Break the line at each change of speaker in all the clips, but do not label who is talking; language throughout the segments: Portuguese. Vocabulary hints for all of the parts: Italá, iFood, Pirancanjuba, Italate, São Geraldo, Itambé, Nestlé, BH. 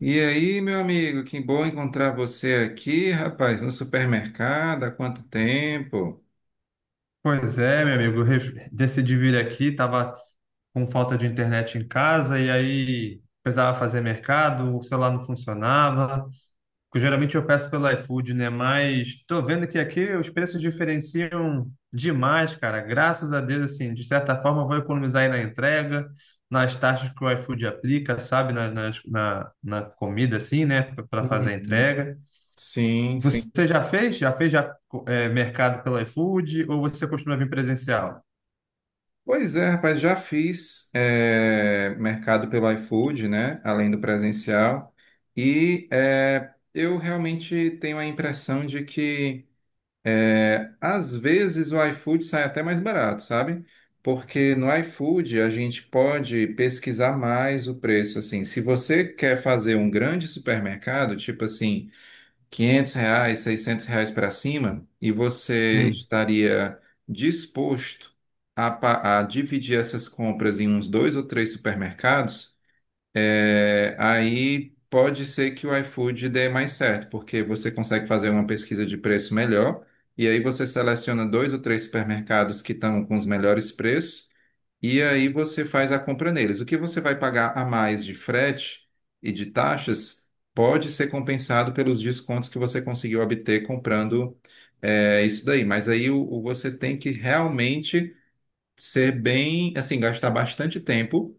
E aí, meu amigo, que bom encontrar você aqui, rapaz, no supermercado, há quanto tempo?
Pois é, meu amigo, decidi vir aqui, tava com falta de internet em casa e aí precisava fazer mercado, o celular não funcionava. Porque geralmente eu peço pelo iFood, né? Mas tô vendo que aqui os preços diferenciam demais, cara. Graças a Deus, assim, de certa forma eu vou economizar aí na entrega, nas taxas que o iFood aplica, sabe? Na comida, assim, né? Para fazer a
Uhum.
entrega.
Sim, sim.
Você já fez? Já fez já, mercado pelo iFood ou você costuma vir presencial?
Pois é, rapaz, já fiz mercado pelo iFood, né? Além do presencial. E eu realmente tenho a impressão de que às vezes o iFood sai até mais barato, sabe? Porque no iFood a gente pode pesquisar mais o preço, assim. Se você quer fazer um grande supermercado, tipo assim, R$ 500, R$ 600 para cima, e você
Hum,
estaria disposto a dividir essas compras em uns dois ou três supermercados, aí pode ser que o iFood dê mais certo, porque você consegue fazer uma pesquisa de preço melhor, e aí você seleciona dois ou três supermercados que estão com os melhores preços, e aí você faz a compra neles. O que você vai pagar a mais de frete e de taxas pode ser compensado pelos descontos que você conseguiu obter comprando, isso daí. Mas aí você tem que realmente ser bem, assim, gastar bastante tempo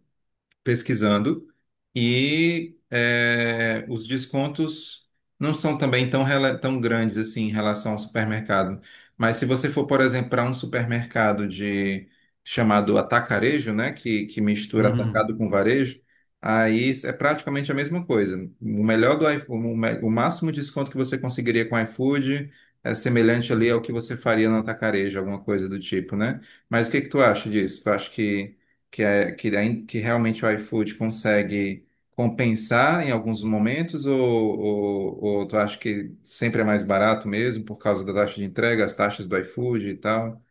pesquisando e os descontos não são também tão grandes assim em relação ao supermercado. Mas se você for, por exemplo, para um supermercado de chamado atacarejo, né, que mistura
hum.
atacado com varejo, aí é praticamente a mesma coisa. O melhor do iFood, o máximo de desconto que você conseguiria com o iFood é semelhante ali ao que você faria no atacarejo, alguma coisa do tipo, né? Mas o que que tu acha disso? Tu acha que, é, que, ain- que realmente o iFood consegue compensar em alguns momentos, ou tu acha que sempre é mais barato mesmo por causa da taxa de entrega, as taxas do iFood e tal?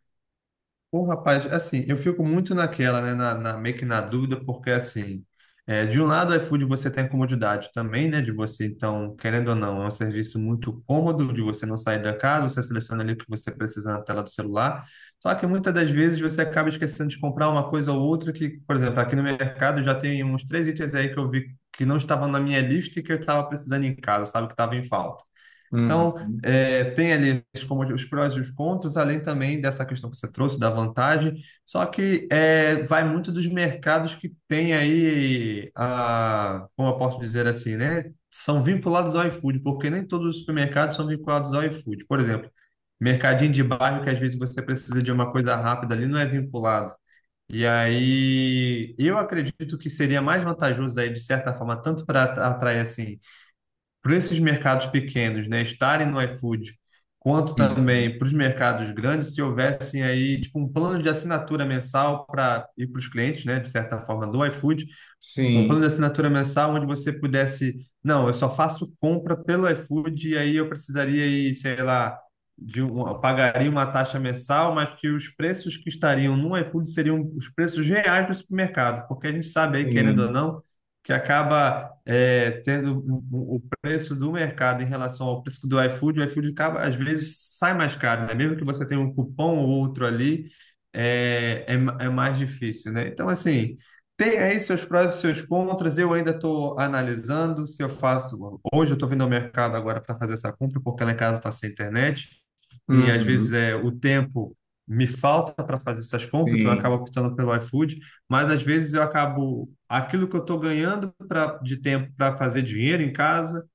Pô, rapaz, assim, eu fico muito naquela, né, meio que na dúvida, porque, assim, é, de um lado, o iFood você tem a comodidade também, né, de você, então, querendo ou não, é um serviço muito cômodo de você não sair da casa, você seleciona ali o que você precisa na tela do celular, só que muitas das vezes você acaba esquecendo de comprar uma coisa ou outra que, por exemplo, aqui no mercado já tem uns três itens aí que eu vi que não estavam na minha lista e que eu estava precisando em casa, sabe, que estava em falta. Então,
Uhum.
é, tem ali os como os prós e os contras, além também dessa questão que você trouxe da vantagem, só que é, vai muito dos mercados que tem aí, a, como eu posso dizer assim, né? São vinculados ao iFood, porque nem todos os supermercados são vinculados ao iFood. Por exemplo, mercadinho de bairro que às vezes você precisa de uma coisa rápida ali, não é vinculado. E aí, eu acredito que seria mais vantajoso aí, de certa forma, tanto para atrair assim para esses mercados pequenos, né, estarem no iFood, quanto também
Uhum.
para os mercados grandes, se houvessem aí tipo um plano de assinatura mensal para ir para os clientes, né, de certa forma do iFood, um plano
Sim,
de assinatura mensal onde você pudesse, não, eu só faço compra pelo iFood e aí eu precisaria ir, sei lá, de um, eu pagaria uma taxa mensal, mas que os preços que estariam no iFood seriam os preços reais do supermercado, porque a gente sabe aí, querendo ou
sim.
não, que acaba é, tendo o preço do mercado em relação ao preço do iFood, o iFood acaba, às vezes sai mais caro, né? Mesmo que você tenha um cupom ou outro ali, é mais difícil, né? Então, assim, tem aí seus prós e seus contras. Eu ainda estou analisando se eu faço. Hoje eu estou vindo ao mercado agora para fazer essa compra, porque lá em casa está sem internet. E às vezes
Uhum.
é, o tempo me falta para fazer essas compras, então eu acabo
Sim.
optando pelo iFood. Mas às vezes eu acabo. Aquilo que eu estou ganhando pra, de tempo para fazer dinheiro em casa,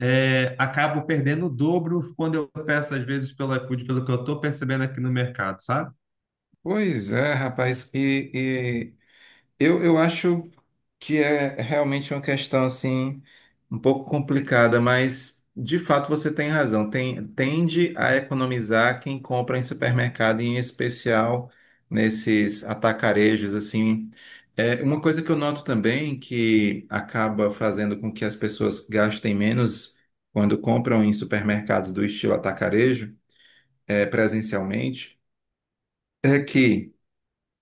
é, acabo perdendo o dobro quando eu peço às vezes pelo iFood, pelo que eu estou percebendo aqui no mercado, sabe?
Pois é, rapaz. Eu acho que é realmente uma questão assim um pouco complicada, mas de fato você tem razão. Tende a economizar quem compra em supermercado, em especial nesses atacarejos assim. É uma coisa que eu noto também que acaba fazendo com que as pessoas gastem menos quando compram em supermercados do estilo atacarejo, presencialmente, é que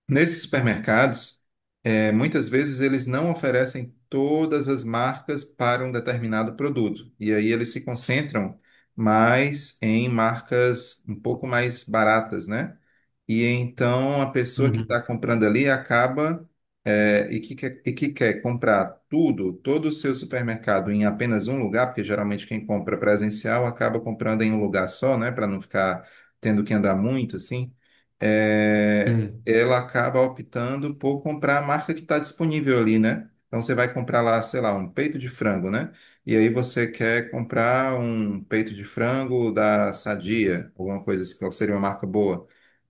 nesses supermercados, muitas vezes eles não oferecem todas as marcas para um determinado produto. E aí eles se concentram mais em marcas um pouco mais baratas, né? E então a pessoa que está
Uhum.
comprando ali acaba que quer comprar tudo, todo o seu supermercado em apenas um lugar, porque geralmente quem compra presencial acaba comprando em um lugar só, né, para não ficar tendo que andar muito assim. eh,
Sim.
ela acaba optando por comprar a marca que está disponível ali, né? Então você vai comprar lá, sei lá, um peito de frango, né? E aí você quer comprar um peito de frango da Sadia, alguma coisa assim, qual seria uma marca boa,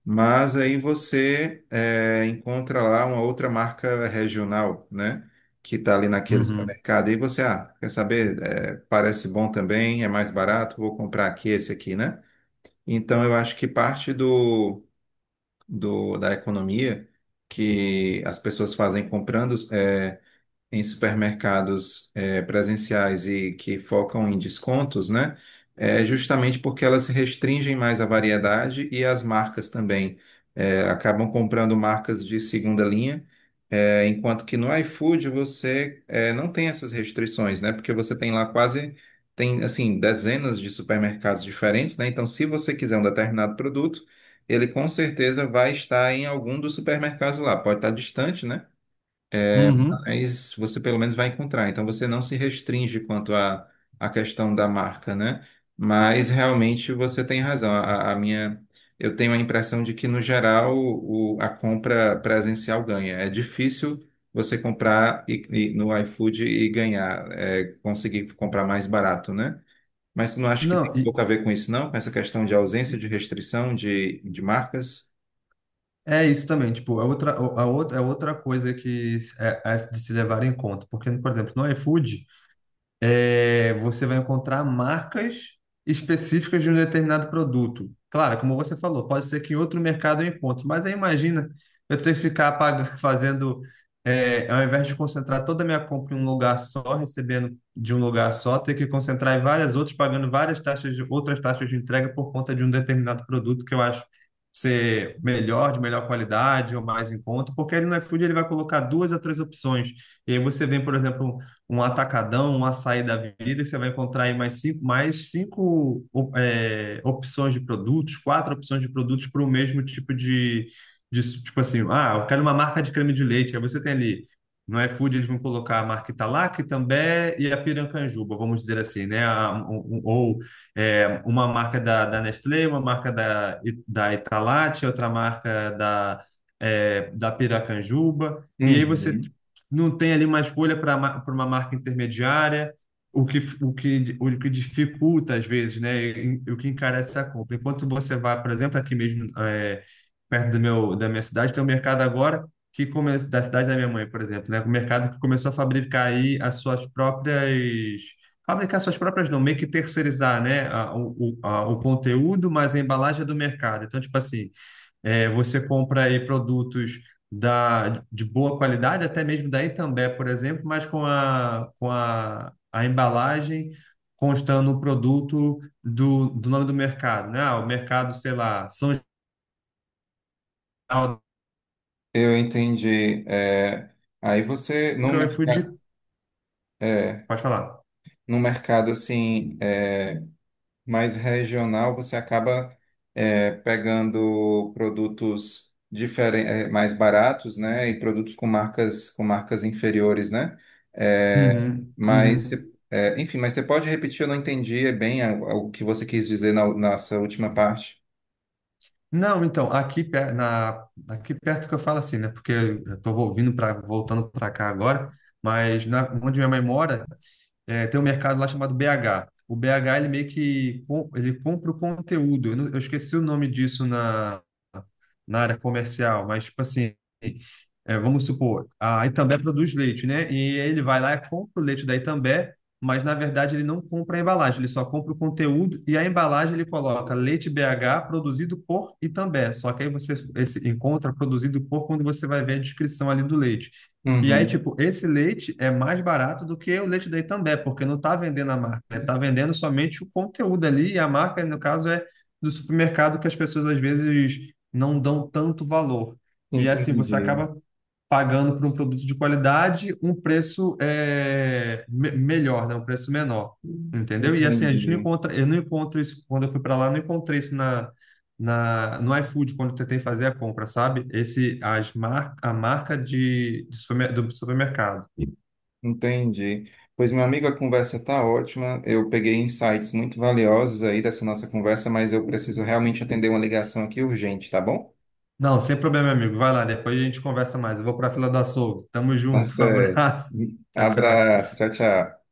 mas aí você encontra lá uma outra marca regional, né? Que está ali naquele
Uhum.
supermercado. E você, ah, quer saber? É, parece bom também, é mais barato, vou comprar aqui esse aqui, né? Então eu acho que parte do, do da economia que as pessoas fazem comprando, em supermercados presenciais e que focam em descontos, né? É justamente porque elas restringem mais a variedade e as marcas também acabam comprando marcas de segunda linha, enquanto que no iFood você não tem essas restrições, né? Porque você tem lá quase tem assim dezenas de supermercados diferentes, né? Então, se você quiser um determinado produto, ele com certeza vai estar em algum dos supermercados lá. Pode estar distante, né?
Uhum.
Mas você pelo menos vai encontrar. Então você não se restringe quanto à questão da marca, né? Mas realmente você tem razão. Eu tenho a impressão de que no geral a compra presencial ganha. É difícil você comprar e no iFood e ganhar, conseguir comprar mais barato, né? Mas tu não acha que
Não,
tem pouco a ver com isso, não? Com essa questão de ausência de restrição de marcas?
é isso também, tipo, é outra coisa que é, é de se levar em conta, porque, por exemplo, no iFood, é, você vai encontrar marcas específicas de um determinado produto. Claro, como você falou, pode ser que em outro mercado eu encontre, mas aí imagina eu ter que ficar fazendo, é, ao invés de concentrar toda a minha compra em um lugar só, recebendo de um lugar só, ter que concentrar em várias outras, pagando várias taxas de outras taxas de entrega por conta de um determinado produto que eu acho ser melhor, de melhor qualidade ou mais em conta, porque ele no iFood ele vai colocar duas ou três opções. E aí você vem, por exemplo, um atacadão, um açaí da vida, que você vai encontrar aí mais cinco é, opções de produtos, quatro opções de produtos para o mesmo tipo de, de. Tipo assim, ah, eu quero uma marca de creme de leite. Aí você tem ali. No iFood eles vão colocar a marca Italá, Itambé e a Pirancanjuba, vamos dizer assim, né? Ou é, uma marca da, da Nestlé, uma marca da, da Italate, outra marca da, é, da Piracanjuba. E aí você
Uhum.
não tem ali uma escolha para uma marca intermediária, o que dificulta às vezes, né? E, o que encarece a compra. Enquanto você vai, por exemplo, aqui mesmo, é, perto do meu, da minha cidade, tem um mercado agora que come, da cidade da minha mãe, por exemplo, né? Um mercado que começou a fabricar aí as suas próprias. Fabricar suas próprias, não, meio que terceirizar, né? A, o, a- o conteúdo, mas a embalagem é do mercado. Então, tipo assim, é, você compra aí produtos da, de boa qualidade, até mesmo da Itambé, por exemplo, mas a embalagem constando o produto do, do nome do mercado, né? Ah, o mercado, sei lá, São Geraldo,
Eu entendi. É, aí você não.
que é o iFood,
É,
pode falar.
no mercado assim é, mais regional, você acaba pegando produtos mais baratos, né, e produtos com marcas inferiores, né? É,
Uhum,
mas você-
uhum.
é, enfim, mas você pode repetir? Eu não entendi é bem o que você quis dizer na nossa última parte.
Não, então, aqui, aqui perto que eu falo assim, né? Porque eu estou ouvindo, pra, voltando para cá agora, mas na, onde minha mãe mora, é, tem um mercado lá chamado BH. O BH, ele meio que ele compra o conteúdo. Eu, eu esqueci o nome disso na, na área comercial, mas, tipo assim, é, vamos supor, a Itambé produz leite, né? E ele vai lá e compra o leite da Itambé, mas, na verdade, ele não compra a embalagem, ele só compra o conteúdo e a embalagem ele coloca leite BH produzido por Itambé. Só que aí você esse, encontra produzido por quando você vai ver a descrição ali do leite. E aí,
Uhum.
tipo, esse leite é mais barato do que o leite da Itambé, porque não está vendendo a marca, né? Está vendendo somente o conteúdo ali, e a marca, no caso, é do supermercado que as pessoas às vezes não dão tanto valor. E assim, você
Entendi,
acaba pagando por um produto de qualidade um preço melhor, né? Um preço menor, entendeu? E assim, a gente não
entendi.
encontra, eu não encontro isso, quando eu fui para lá, eu não encontrei isso na, no iFood, quando eu tentei fazer a compra, sabe? Esse, a marca de, do supermercado.
Entendi. Pois, meu amigo, a conversa está ótima. Eu peguei insights muito valiosos aí dessa nossa conversa, mas eu preciso realmente atender uma ligação aqui urgente, tá bom?
Não, sem problema, meu amigo. Vai lá, depois a gente conversa mais. Eu vou para a fila do açougue. Tamo
Tá
junto, um
certo.
abraço. Tchau, tchau.
Abraço, tchau, tchau.